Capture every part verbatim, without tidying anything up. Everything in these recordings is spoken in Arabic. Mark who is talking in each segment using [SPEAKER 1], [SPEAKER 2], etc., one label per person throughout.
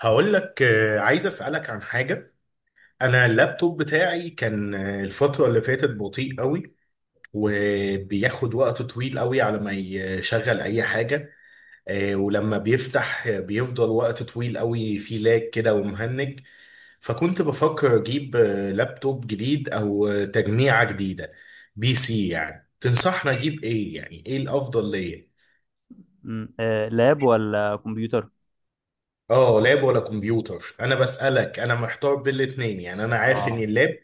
[SPEAKER 1] هقول لك، آه، عايز اسالك عن حاجه. انا اللابتوب بتاعي كان آه، الفتره اللي فاتت بطيء قوي، وبياخد وقت طويل قوي على ما يشغل اي حاجه. آه، ولما بيفتح، آه، بيفضل وقت طويل قوي، فيه لاج كده ومهنج. فكنت بفكر اجيب آه، لابتوب جديد او آه، تجميعه جديده، بي سي. يعني تنصحنا اجيب ايه؟ يعني ايه الافضل ليا؟
[SPEAKER 2] مم. آه، لاب ولا كمبيوتر؟
[SPEAKER 1] اه، لاب ولا كمبيوتر؟ انا بسالك، انا محتار بين الاتنين يعني. انا عارف ان
[SPEAKER 2] اه،
[SPEAKER 1] اللاب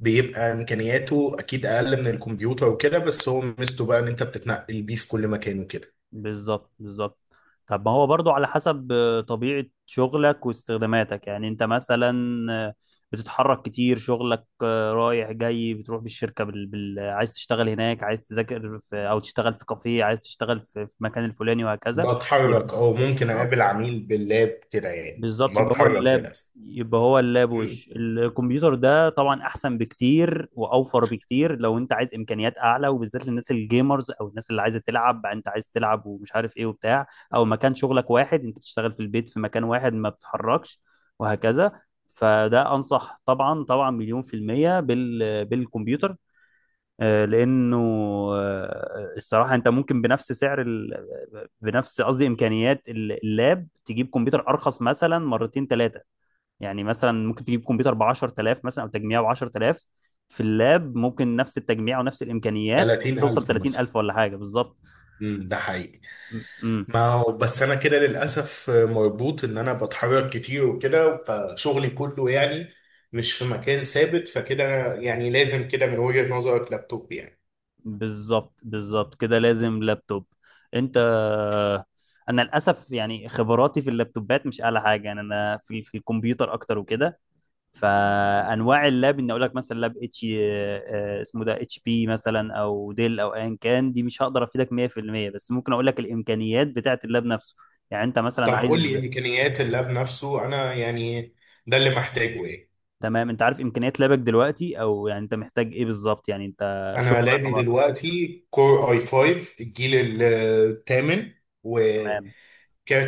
[SPEAKER 1] بيبقى امكانياته اكيد اقل من الكمبيوتر وكده، بس هو ميزته بقى ان انت بتتنقل بيه في كل مكان وكده.
[SPEAKER 2] بالظبط بالظبط. طب ما هو برضو على حسب آه، طبيعة شغلك واستخداماتك. يعني انت مثلا آه، بتتحرك كتير شغلك، آه، رايح جاي، بتروح بالشركة، بال... بال... عايز تشتغل هناك، عايز تذاكر في... او تشتغل في كافيه، عايز تشتغل في في المكان الفلاني، وهكذا. يبقى
[SPEAKER 1] بتحرك، او ممكن
[SPEAKER 2] بالظبط
[SPEAKER 1] اقابل عميل باللاب كده يعني.
[SPEAKER 2] بالظبط، يبقى هو
[SPEAKER 1] بتحرك
[SPEAKER 2] اللاب.
[SPEAKER 1] للاسف.
[SPEAKER 2] يبقى هو اللاب
[SPEAKER 1] مم.
[SPEAKER 2] وش الكمبيوتر ده طبعا احسن بكتير واوفر بكتير، لو انت عايز امكانيات اعلى، وبالذات للناس الجيمرز او الناس اللي عايزه تلعب، انت عايز تلعب ومش عارف ايه وبتاع. او مكان شغلك واحد، انت بتشتغل في البيت في مكان واحد ما بتتحركش وهكذا. فده انصح طبعا طبعا مليون في المية بال بالكمبيوتر. آه، لانه آه، الصراحه، انت ممكن بنفس سعر ال... بنفس، قصدي امكانيات ال- اللاب، تجيب كمبيوتر ارخص مثلا مرتين ثلاثه. يعني مثلا ممكن تجيب كمبيوتر ب عشرة آلاف مثلا، او تجميع ب عشرة آلاف. في اللاب ممكن نفس التجميع ونفس الامكانيات توصل
[SPEAKER 1] ثلاثين الف مثلا.
[SPEAKER 2] تلاتين الف ولا حاجه بالظبط.
[SPEAKER 1] مم، ده حقيقي.
[SPEAKER 2] امم.
[SPEAKER 1] ما هو بس انا كده للاسف مربوط ان انا بتحرك كتير وكده، فشغلي كله يعني مش في مكان ثابت، فكده أنا يعني لازم كده من وجهة نظرك لابتوب يعني.
[SPEAKER 2] بالظبط بالظبط، كده لازم لابتوب. انت، انا للاسف يعني خبراتي في اللابتوبات مش اعلى حاجه، يعني انا في في الكمبيوتر اكتر وكده. فانواع اللاب ان اقول لك مثلا، لاب اتش، اسمه ده اتش بي مثلا او ديل او ايا كان، دي مش هقدر افيدك مية في المية، بس ممكن اقول لك الامكانيات بتاعه اللاب نفسه. يعني انت
[SPEAKER 1] طب
[SPEAKER 2] مثلا
[SPEAKER 1] قول
[SPEAKER 2] عايز،
[SPEAKER 1] لي امكانيات اللاب نفسه، انا يعني ده اللي محتاجه ايه.
[SPEAKER 2] تمام. انت عارف امكانيات لابك دلوقتي، او يعني انت محتاج ايه بالظبط، يعني انت
[SPEAKER 1] انا
[SPEAKER 2] شغلك
[SPEAKER 1] لعبي
[SPEAKER 2] عبارة.
[SPEAKER 1] دلوقتي كور اي خمسة الجيل الثامن،
[SPEAKER 2] تمام،
[SPEAKER 1] وكارت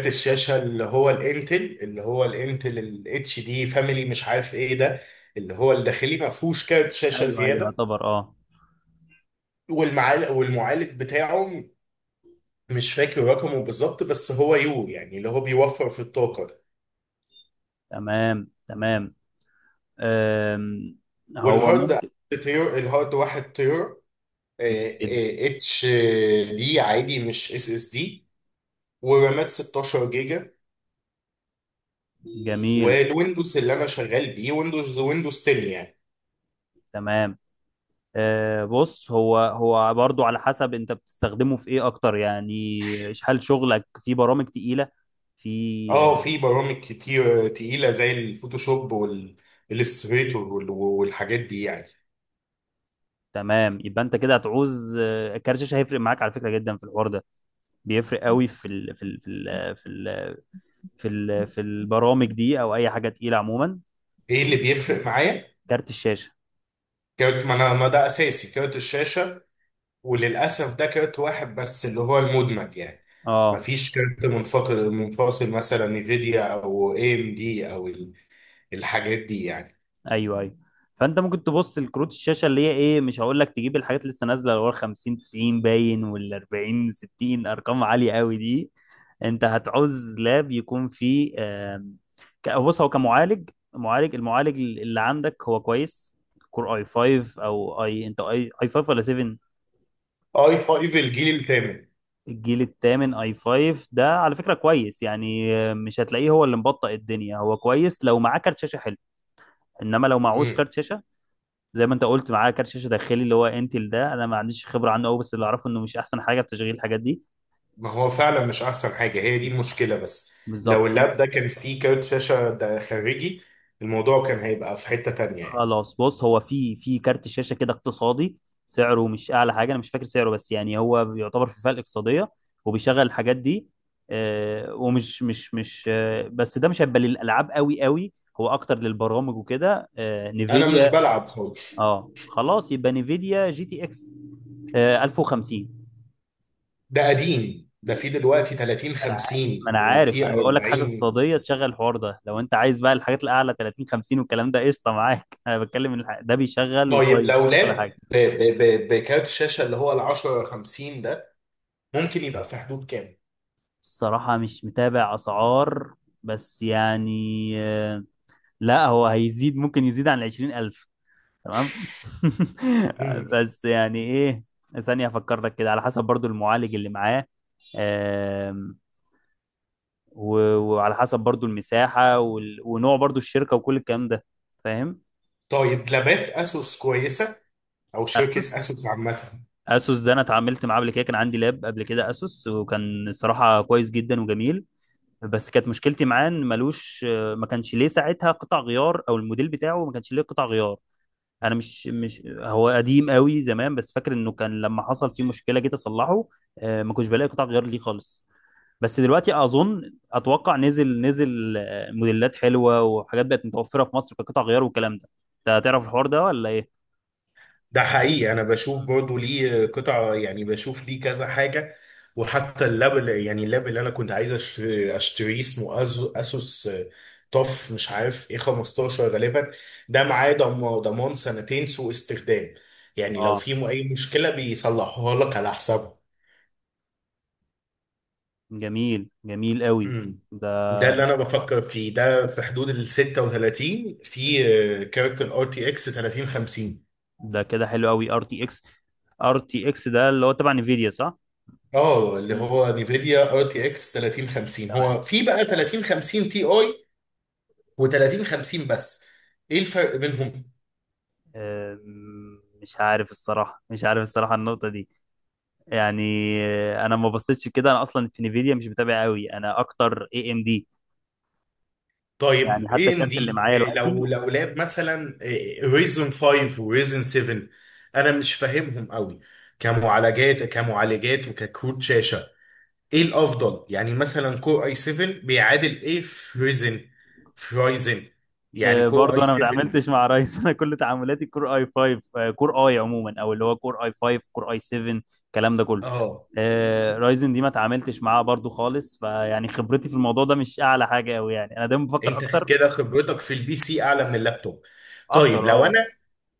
[SPEAKER 1] الشاشه اللي هو الانتل، اللي هو الانتل الاتش دي فاميلي مش عارف ايه ده، اللي هو الداخلي، ما فيهوش كارت شاشه
[SPEAKER 2] ايوه ايوه،
[SPEAKER 1] زياده.
[SPEAKER 2] يعتبر اه.
[SPEAKER 1] والمعالج والمعالج بتاعه مش فاكر رقمه بالظبط، بس هو يو يعني اللي هو بيوفر في الطاقه ده.
[SPEAKER 2] تمام تمام. أم، هو
[SPEAKER 1] والهارد
[SPEAKER 2] ممكن
[SPEAKER 1] تير الهارد واحد تير
[SPEAKER 2] جدا.
[SPEAKER 1] اتش دي عادي مش اس اس دي، ورامات ستة عشر جيجا.
[SPEAKER 2] جميل.
[SPEAKER 1] والويندوز اللي انا شغال بيه ويندوز ويندوز عشرة يعني.
[SPEAKER 2] تمام. آه، بص، هو هو برضو على حسب انت بتستخدمه في ايه اكتر. يعني هل شغلك في برامج تقيلة؟ في
[SPEAKER 1] اه،
[SPEAKER 2] آه،
[SPEAKER 1] في برامج كتير تقيله زي الفوتوشوب والالستريتور والحاجات دي يعني.
[SPEAKER 2] تمام، يبقى انت كده هتعوز آه، كارت شاشة، هيفرق معاك على فكرة جدا في الحوار ده. بيفرق قوي في ال في ال في ال في ال في ال في البرامج دي، او اي حاجة تقيلة عموما.
[SPEAKER 1] ايه اللي بيفرق معايا؟
[SPEAKER 2] كارت الشاشة.
[SPEAKER 1] كارت، ما انا ما ده اساسي كارت الشاشه. وللاسف ده كارت واحد بس اللي هو المدمج يعني، ما
[SPEAKER 2] اه،
[SPEAKER 1] فيش كارت منفصل، منفصل مثلا نفيديا او اي ام دي او ال- الحاجات دي يعني.
[SPEAKER 2] ايوه ايوه. فانت ممكن تبص لكروت الشاشه، اللي هي ايه، مش هقول لك تجيب الحاجات اللي لسه نازله، اللي هو خمسين تسعين باين، وال اربعين ستين، ارقام عاليه قوي دي. انت هتعوز لاب يكون فيه آم، ك- بص، هو كمعالج، معالج، المعالج اللي عندك هو كويس. كور اي خمسة، او اي، انت اي اي خمسة ولا سبعة؟
[SPEAKER 1] اي خمسة الجيل الثامن.
[SPEAKER 2] الجيل الثامن اي خمسة، ده على فكره كويس. يعني آه، مش هتلاقيه هو اللي مبطئ الدنيا، هو كويس لو معاه كارت شاشه حلو. انما لو معهوش كارت شاشه، زي ما انت قلت معاه كارت شاشه داخلي اللي هو انتل ده، انا ما عنديش خبره عنه قوي، بس اللي اعرفه انه مش احسن حاجه في تشغيل الحاجات دي.
[SPEAKER 1] ما هو فعلا مش احسن حاجه، هي دي المشكله بس. لو
[SPEAKER 2] بالظبط.
[SPEAKER 1] اللاب ده كان فيه كارت شاشه ده خارجي، الموضوع كان هيبقى في حته تانية يعني.
[SPEAKER 2] خلاص، بص، هو في في كارت شاشه كده اقتصادي، سعره مش اعلى حاجه، انا مش فاكر سعره، بس يعني هو بيعتبر في فئه الاقتصاديه، وبيشغل الحاجات دي. آه، ومش مش مش آه، بس ده مش هيبقى للالعاب قوي قوي، هو اكتر للبرامج وكده. آه،
[SPEAKER 1] انا مش
[SPEAKER 2] نيفيديا.
[SPEAKER 1] بلعب خالص.
[SPEAKER 2] اه خلاص، يبقى نيفيديا جي تي اكس آه، الف وخمسين.
[SPEAKER 1] ده قديم، ده فيه دلوقتي تلاتين
[SPEAKER 2] انا ع- ما
[SPEAKER 1] خمسين
[SPEAKER 2] انا عارف،
[SPEAKER 1] وفيه
[SPEAKER 2] انا بقول لك حاجه
[SPEAKER 1] اربعين.
[SPEAKER 2] اقتصاديه تشغل الحوار ده. لو انت عايز بقى الحاجات الاعلى ثلاثين خمسين والكلام ده، قشطه معاك. انا بتكلم إن الح- ده بيشغل
[SPEAKER 1] طيب لو
[SPEAKER 2] وكويس وكل حاجه.
[SPEAKER 1] لاب ب- ب- ب- بكارت الشاشه اللي هو ال عشرة خمسين ده، ممكن يبقى في حدود كام؟
[SPEAKER 2] الصراحه مش متابع اسعار، بس يعني آه، لا، هو هيزيد، ممكن يزيد عن عشرين الف. تمام.
[SPEAKER 1] مم.
[SPEAKER 2] بس يعني ايه. ثانيه افكر لك كده، على حسب برضو المعالج اللي معاه. آم، و- وعلى حسب برضو المساحه، وال- ونوع برضو الشركه وكل الكلام ده. فاهم.
[SPEAKER 1] طيب لابات اسوس كويسه؟ او شركه
[SPEAKER 2] اسوس.
[SPEAKER 1] اسوس عامه؟
[SPEAKER 2] اسوس ده انا اتعاملت معاه قبل كده، كان عندي لاب قبل كده اسوس، وكان الصراحه كويس جدا وجميل. بس كانت مشكلتي معاه ان ملوش، ما كانش ليه ساعتها قطع غيار، او الموديل بتاعه ما كانش ليه قطع غيار. انا مش، مش هو قديم قوي زمان، بس فاكر انه كان لما حصل فيه مشكله جيت اصلحه، آه، ما كنتش بلاقي قطع غيار ليه خالص. بس دلوقتي اظن اتوقع نزل نزل آه، موديلات حلوه، وحاجات بقت متوفره في مصر كقطع غيار والكلام ده. انت هتعرف الحوار ده ولا ايه؟
[SPEAKER 1] ده حقيقي، انا بشوف برضو ليه قطع يعني، بشوف ليه كذا حاجه. وحتى اللاب اللي- يعني اللاب اللي انا كنت عايز أش- اشتريه، اسمه أز- اسوس طف مش عارف ايه خمستاشر غالبا. ده معاه ضم- ضمان سنتين سوء استخدام، يعني لو
[SPEAKER 2] اه،
[SPEAKER 1] في اي مشكله بيصلحوها لك على حسابه.
[SPEAKER 2] جميل جميل قوي.
[SPEAKER 1] امم
[SPEAKER 2] ده.
[SPEAKER 1] ده اللي انا بفكر فيه، ده في حدود ال ستة وتلاتين، في آه، كارت الار تي اكس تلاتين خمسين.
[SPEAKER 2] ده كده حلو قوي. ار تي اكس. ار تي اكس ده اللي هو تبع انفيديا، صح؟
[SPEAKER 1] اه، اللي
[SPEAKER 2] مم.
[SPEAKER 1] هو نيفيديا ار تي اكس تلاتين خمسين،
[SPEAKER 2] تمام.
[SPEAKER 1] هو في بقى تلاتين خمسين تي اي و3050 بس، ايه الفرق بينهم؟
[SPEAKER 2] أم، مش عارف الصراحة مش عارف الصراحة النقطة دي. يعني أه، أنا ما بصيتش كده، أنا أصلا في نيفيديا مش متابع قوي، أنا أكتر اي ام دي. يعني
[SPEAKER 1] طيب
[SPEAKER 2] حتى
[SPEAKER 1] اي ام
[SPEAKER 2] الكارت اللي
[SPEAKER 1] دي،
[SPEAKER 2] معايا
[SPEAKER 1] لو
[SPEAKER 2] دلوقتي.
[SPEAKER 1] لو لاب مثلا ريزن خمسة وريزن سبعة، انا مش فاهمهم قوي، كمعالجات، كمعالجات وككروت شاشه. ايه الافضل؟ يعني مثلا كور اي سبعة بيعادل ايه في ريزن، في رايزن يعني
[SPEAKER 2] آه،
[SPEAKER 1] كور
[SPEAKER 2] برضو
[SPEAKER 1] اي
[SPEAKER 2] انا ما
[SPEAKER 1] سبعة.
[SPEAKER 2] اتعاملتش مع رايز انا كل تعاملاتي كور اي خمسة، آه، كور اي عموما، او اللي هو كور اي خمسة كور اي سبعة، الكلام ده كله.
[SPEAKER 1] اه،
[SPEAKER 2] آه، رايزن دي ما اتعاملتش معاها برضو خالص، فيعني خبرتي في الموضوع ده مش اعلى حاجه قوي، يعني انا دايما بفكر
[SPEAKER 1] انت
[SPEAKER 2] اكتر.
[SPEAKER 1] كده خبرتك في البي سي اعلى من اللابتوب.
[SPEAKER 2] اكتر،
[SPEAKER 1] طيب لو
[SPEAKER 2] اه.
[SPEAKER 1] انا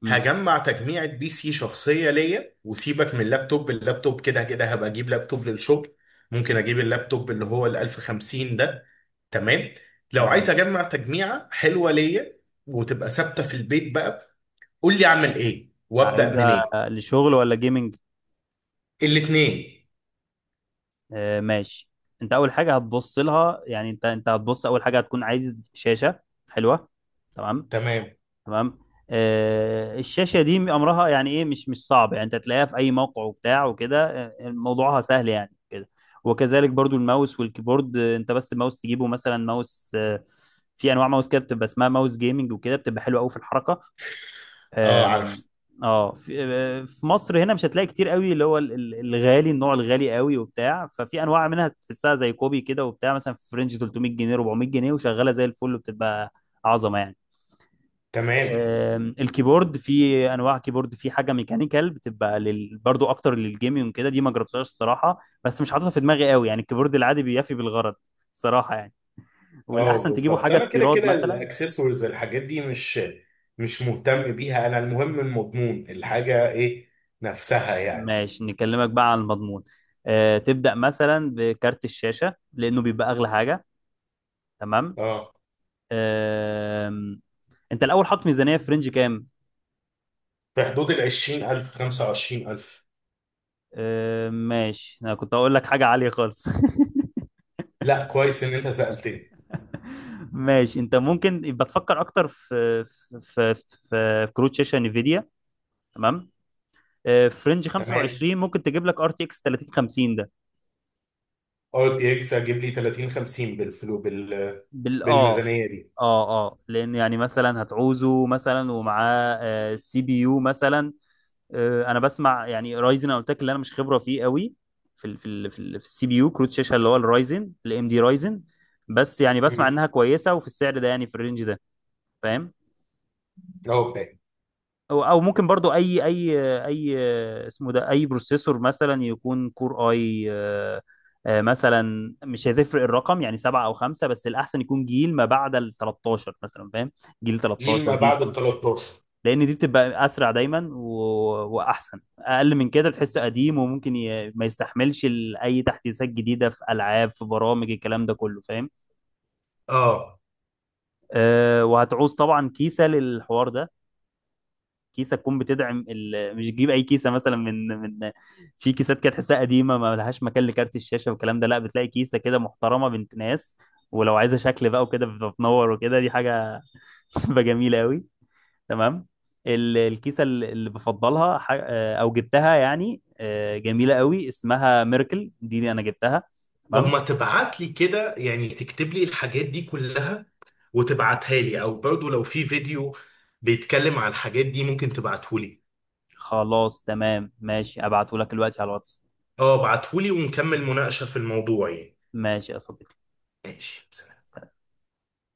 [SPEAKER 2] امم.
[SPEAKER 1] هجمع تجميعة بي سي شخصية ليا، وسيبك من اللابتوب، اللابتوب كده كده هبقى اجيب لابتوب للشغل. ممكن اجيب اللابتوب اللي هو ال الف وخمسين ده. تمام. لو عايز
[SPEAKER 2] تمام.
[SPEAKER 1] اجمع تجميعة حلوة ليا، وتبقى ثابتة في البيت بقى، قول لي اعمل ايه وابدأ
[SPEAKER 2] عايزها
[SPEAKER 1] منين.
[SPEAKER 2] لشغل ولا جيمنج؟
[SPEAKER 1] الاتنين.
[SPEAKER 2] آه، ماشي. انت اول حاجه هتبص لها، يعني انت انت هتبص اول حاجه، هتكون عايز شاشه حلوه. تمام.
[SPEAKER 1] تمام.
[SPEAKER 2] تمام. آه، الشاشه دي امرها يعني ايه، مش مش صعب. يعني انت تلاقيها في اي موقع وبتاع وكده. آه، موضوعها سهل يعني كده. وكذلك برضو الماوس والكيبورد. آه، انت بس الماوس تجيبه، مثلا ماوس، آه، في انواع ماوس كده بتبقى اسمها ماوس جيمنج وكده، بتبقى حلوه قوي في الحركه.
[SPEAKER 1] اه،
[SPEAKER 2] آم،
[SPEAKER 1] عارف.
[SPEAKER 2] اه، في آه، في مصر هنا مش هتلاقي كتير قوي، اللي هو ال- ال- الغالي، النوع الغالي قوي وبتاع، ففي انواع منها تحسها زي كوبي كده وبتاع، مثلا في رينج تلتمية جنيه، اربعمية جنيه، وشغاله زي الفل، وبتبقى عظمه يعني.
[SPEAKER 1] تمام.
[SPEAKER 2] آم، الكيبورد، في انواع كيبورد، في حاجه ميكانيكال بتبقى لل... برضو اكتر للجيمنج كده، دي ما جربتهاش الصراحه، بس مش حاططها في دماغي قوي، يعني الكيبورد العادي بيفي بالغرض الصراحه يعني.
[SPEAKER 1] اه
[SPEAKER 2] والاحسن تجيبوا
[SPEAKER 1] بالظبط،
[SPEAKER 2] حاجه
[SPEAKER 1] انا كده
[SPEAKER 2] استيراد
[SPEAKER 1] كده
[SPEAKER 2] مثلا.
[SPEAKER 1] الاكسسوارز الحاجات دي مش مش مهتم بيها، انا المهم المضمون الحاجه ايه نفسها يعني.
[SPEAKER 2] ماشي، نكلمك بقى عن المضمون. آه، تبدا مثلا بكارت الشاشه لانه بيبقى اغلى حاجه. تمام.
[SPEAKER 1] اه،
[SPEAKER 2] آم، انت الاول حاطط ميزانيه في رينج كام؟
[SPEAKER 1] في حدود ال عشرين الف خمسة وعشرين الف.
[SPEAKER 2] آم، ماشي، انا كنت هقول لك حاجه عاليه خالص.
[SPEAKER 1] لا، كويس ان انت سالتني.
[SPEAKER 2] ماشي، انت ممكن يبقى تفكر اكتر في في في, في كروت شاشه نفيديا. تمام. آه، في رينج
[SPEAKER 1] تمام.
[SPEAKER 2] خمسة وعشرين ممكن تجيب لك ار تي اكس ثلاثين خمسين ده.
[SPEAKER 1] ار تي اكس هجيب لي تلاتين خمسين بالفلو، بال
[SPEAKER 2] بال اه
[SPEAKER 1] بالميزانيه دي.
[SPEAKER 2] اه اه لان يعني مثلا هتعوزه مثلا ومعاه آه، سي بي يو مثلا. آه، انا بسمع يعني رايزن، انا قلت لك اللي انا مش خبره فيه قوي، في ال في ال في السي بي يو كروت شاشه، اللي هو الرايزن الام دي رايزن. بس يعني بسمع
[SPEAKER 1] مم.
[SPEAKER 2] انها كويسه، وفي السعر ده يعني في الرينج ده. فاهم.
[SPEAKER 1] اه، فاهم.
[SPEAKER 2] او أو ممكن برضو اي، اي اي آه، اسمه ده اي بروسيسور، مثلا يكون كور اي، آه، آه، مثلا مش هتفرق الرقم يعني سبعة او خمسة، بس الاحسن يكون جيل ما بعد ال ثلاثة عشر مثلا، فاهم؟ جيل
[SPEAKER 1] جيل
[SPEAKER 2] تلتاشر،
[SPEAKER 1] ما
[SPEAKER 2] جيل
[SPEAKER 1] بعد ال
[SPEAKER 2] اتناشر.
[SPEAKER 1] تلتاشر.
[SPEAKER 2] لان دي بتبقى اسرع دايما و... واحسن. اقل من كده تحس قديم، وممكن ي... ما يستحملش ال- اي تحديثات جديدة في العاب، في برامج، الكلام ده كله، فاهم.
[SPEAKER 1] اه.
[SPEAKER 2] أه، وهتعوز طبعا كيسة للحوار ده. كيسه تكون بتدعم ال... مش تجيب اي كيسه مثلا من من، في كيسات كده تحسها قديمه، ما لهاش مكان لكارت الشاشه والكلام ده. لا، بتلاقي كيسه كده محترمه بنت ناس، ولو عايزه شكل بقى وكده بتنور وكده، دي حاجه بتبقى جميله قوي. تمام. ال- الكيسه ال- اللي بفضلها، ح- آه، او جبتها يعني، آه، جميله قوي، اسمها ميركل دي, دي انا جبتها.
[SPEAKER 1] طب
[SPEAKER 2] تمام.
[SPEAKER 1] ما تبعت لي كده، يعني تكتب لي الحاجات دي كلها وتبعتها لي، او برضو لو في فيديو بيتكلم على الحاجات دي ممكن تبعته لي.
[SPEAKER 2] خلاص تمام، ماشي، ابعته لك دلوقتي على الواتس.
[SPEAKER 1] اه، ابعته لي ونكمل مناقشة في الموضوع يعني.
[SPEAKER 2] ماشي يا صديقي.
[SPEAKER 1] ماشي.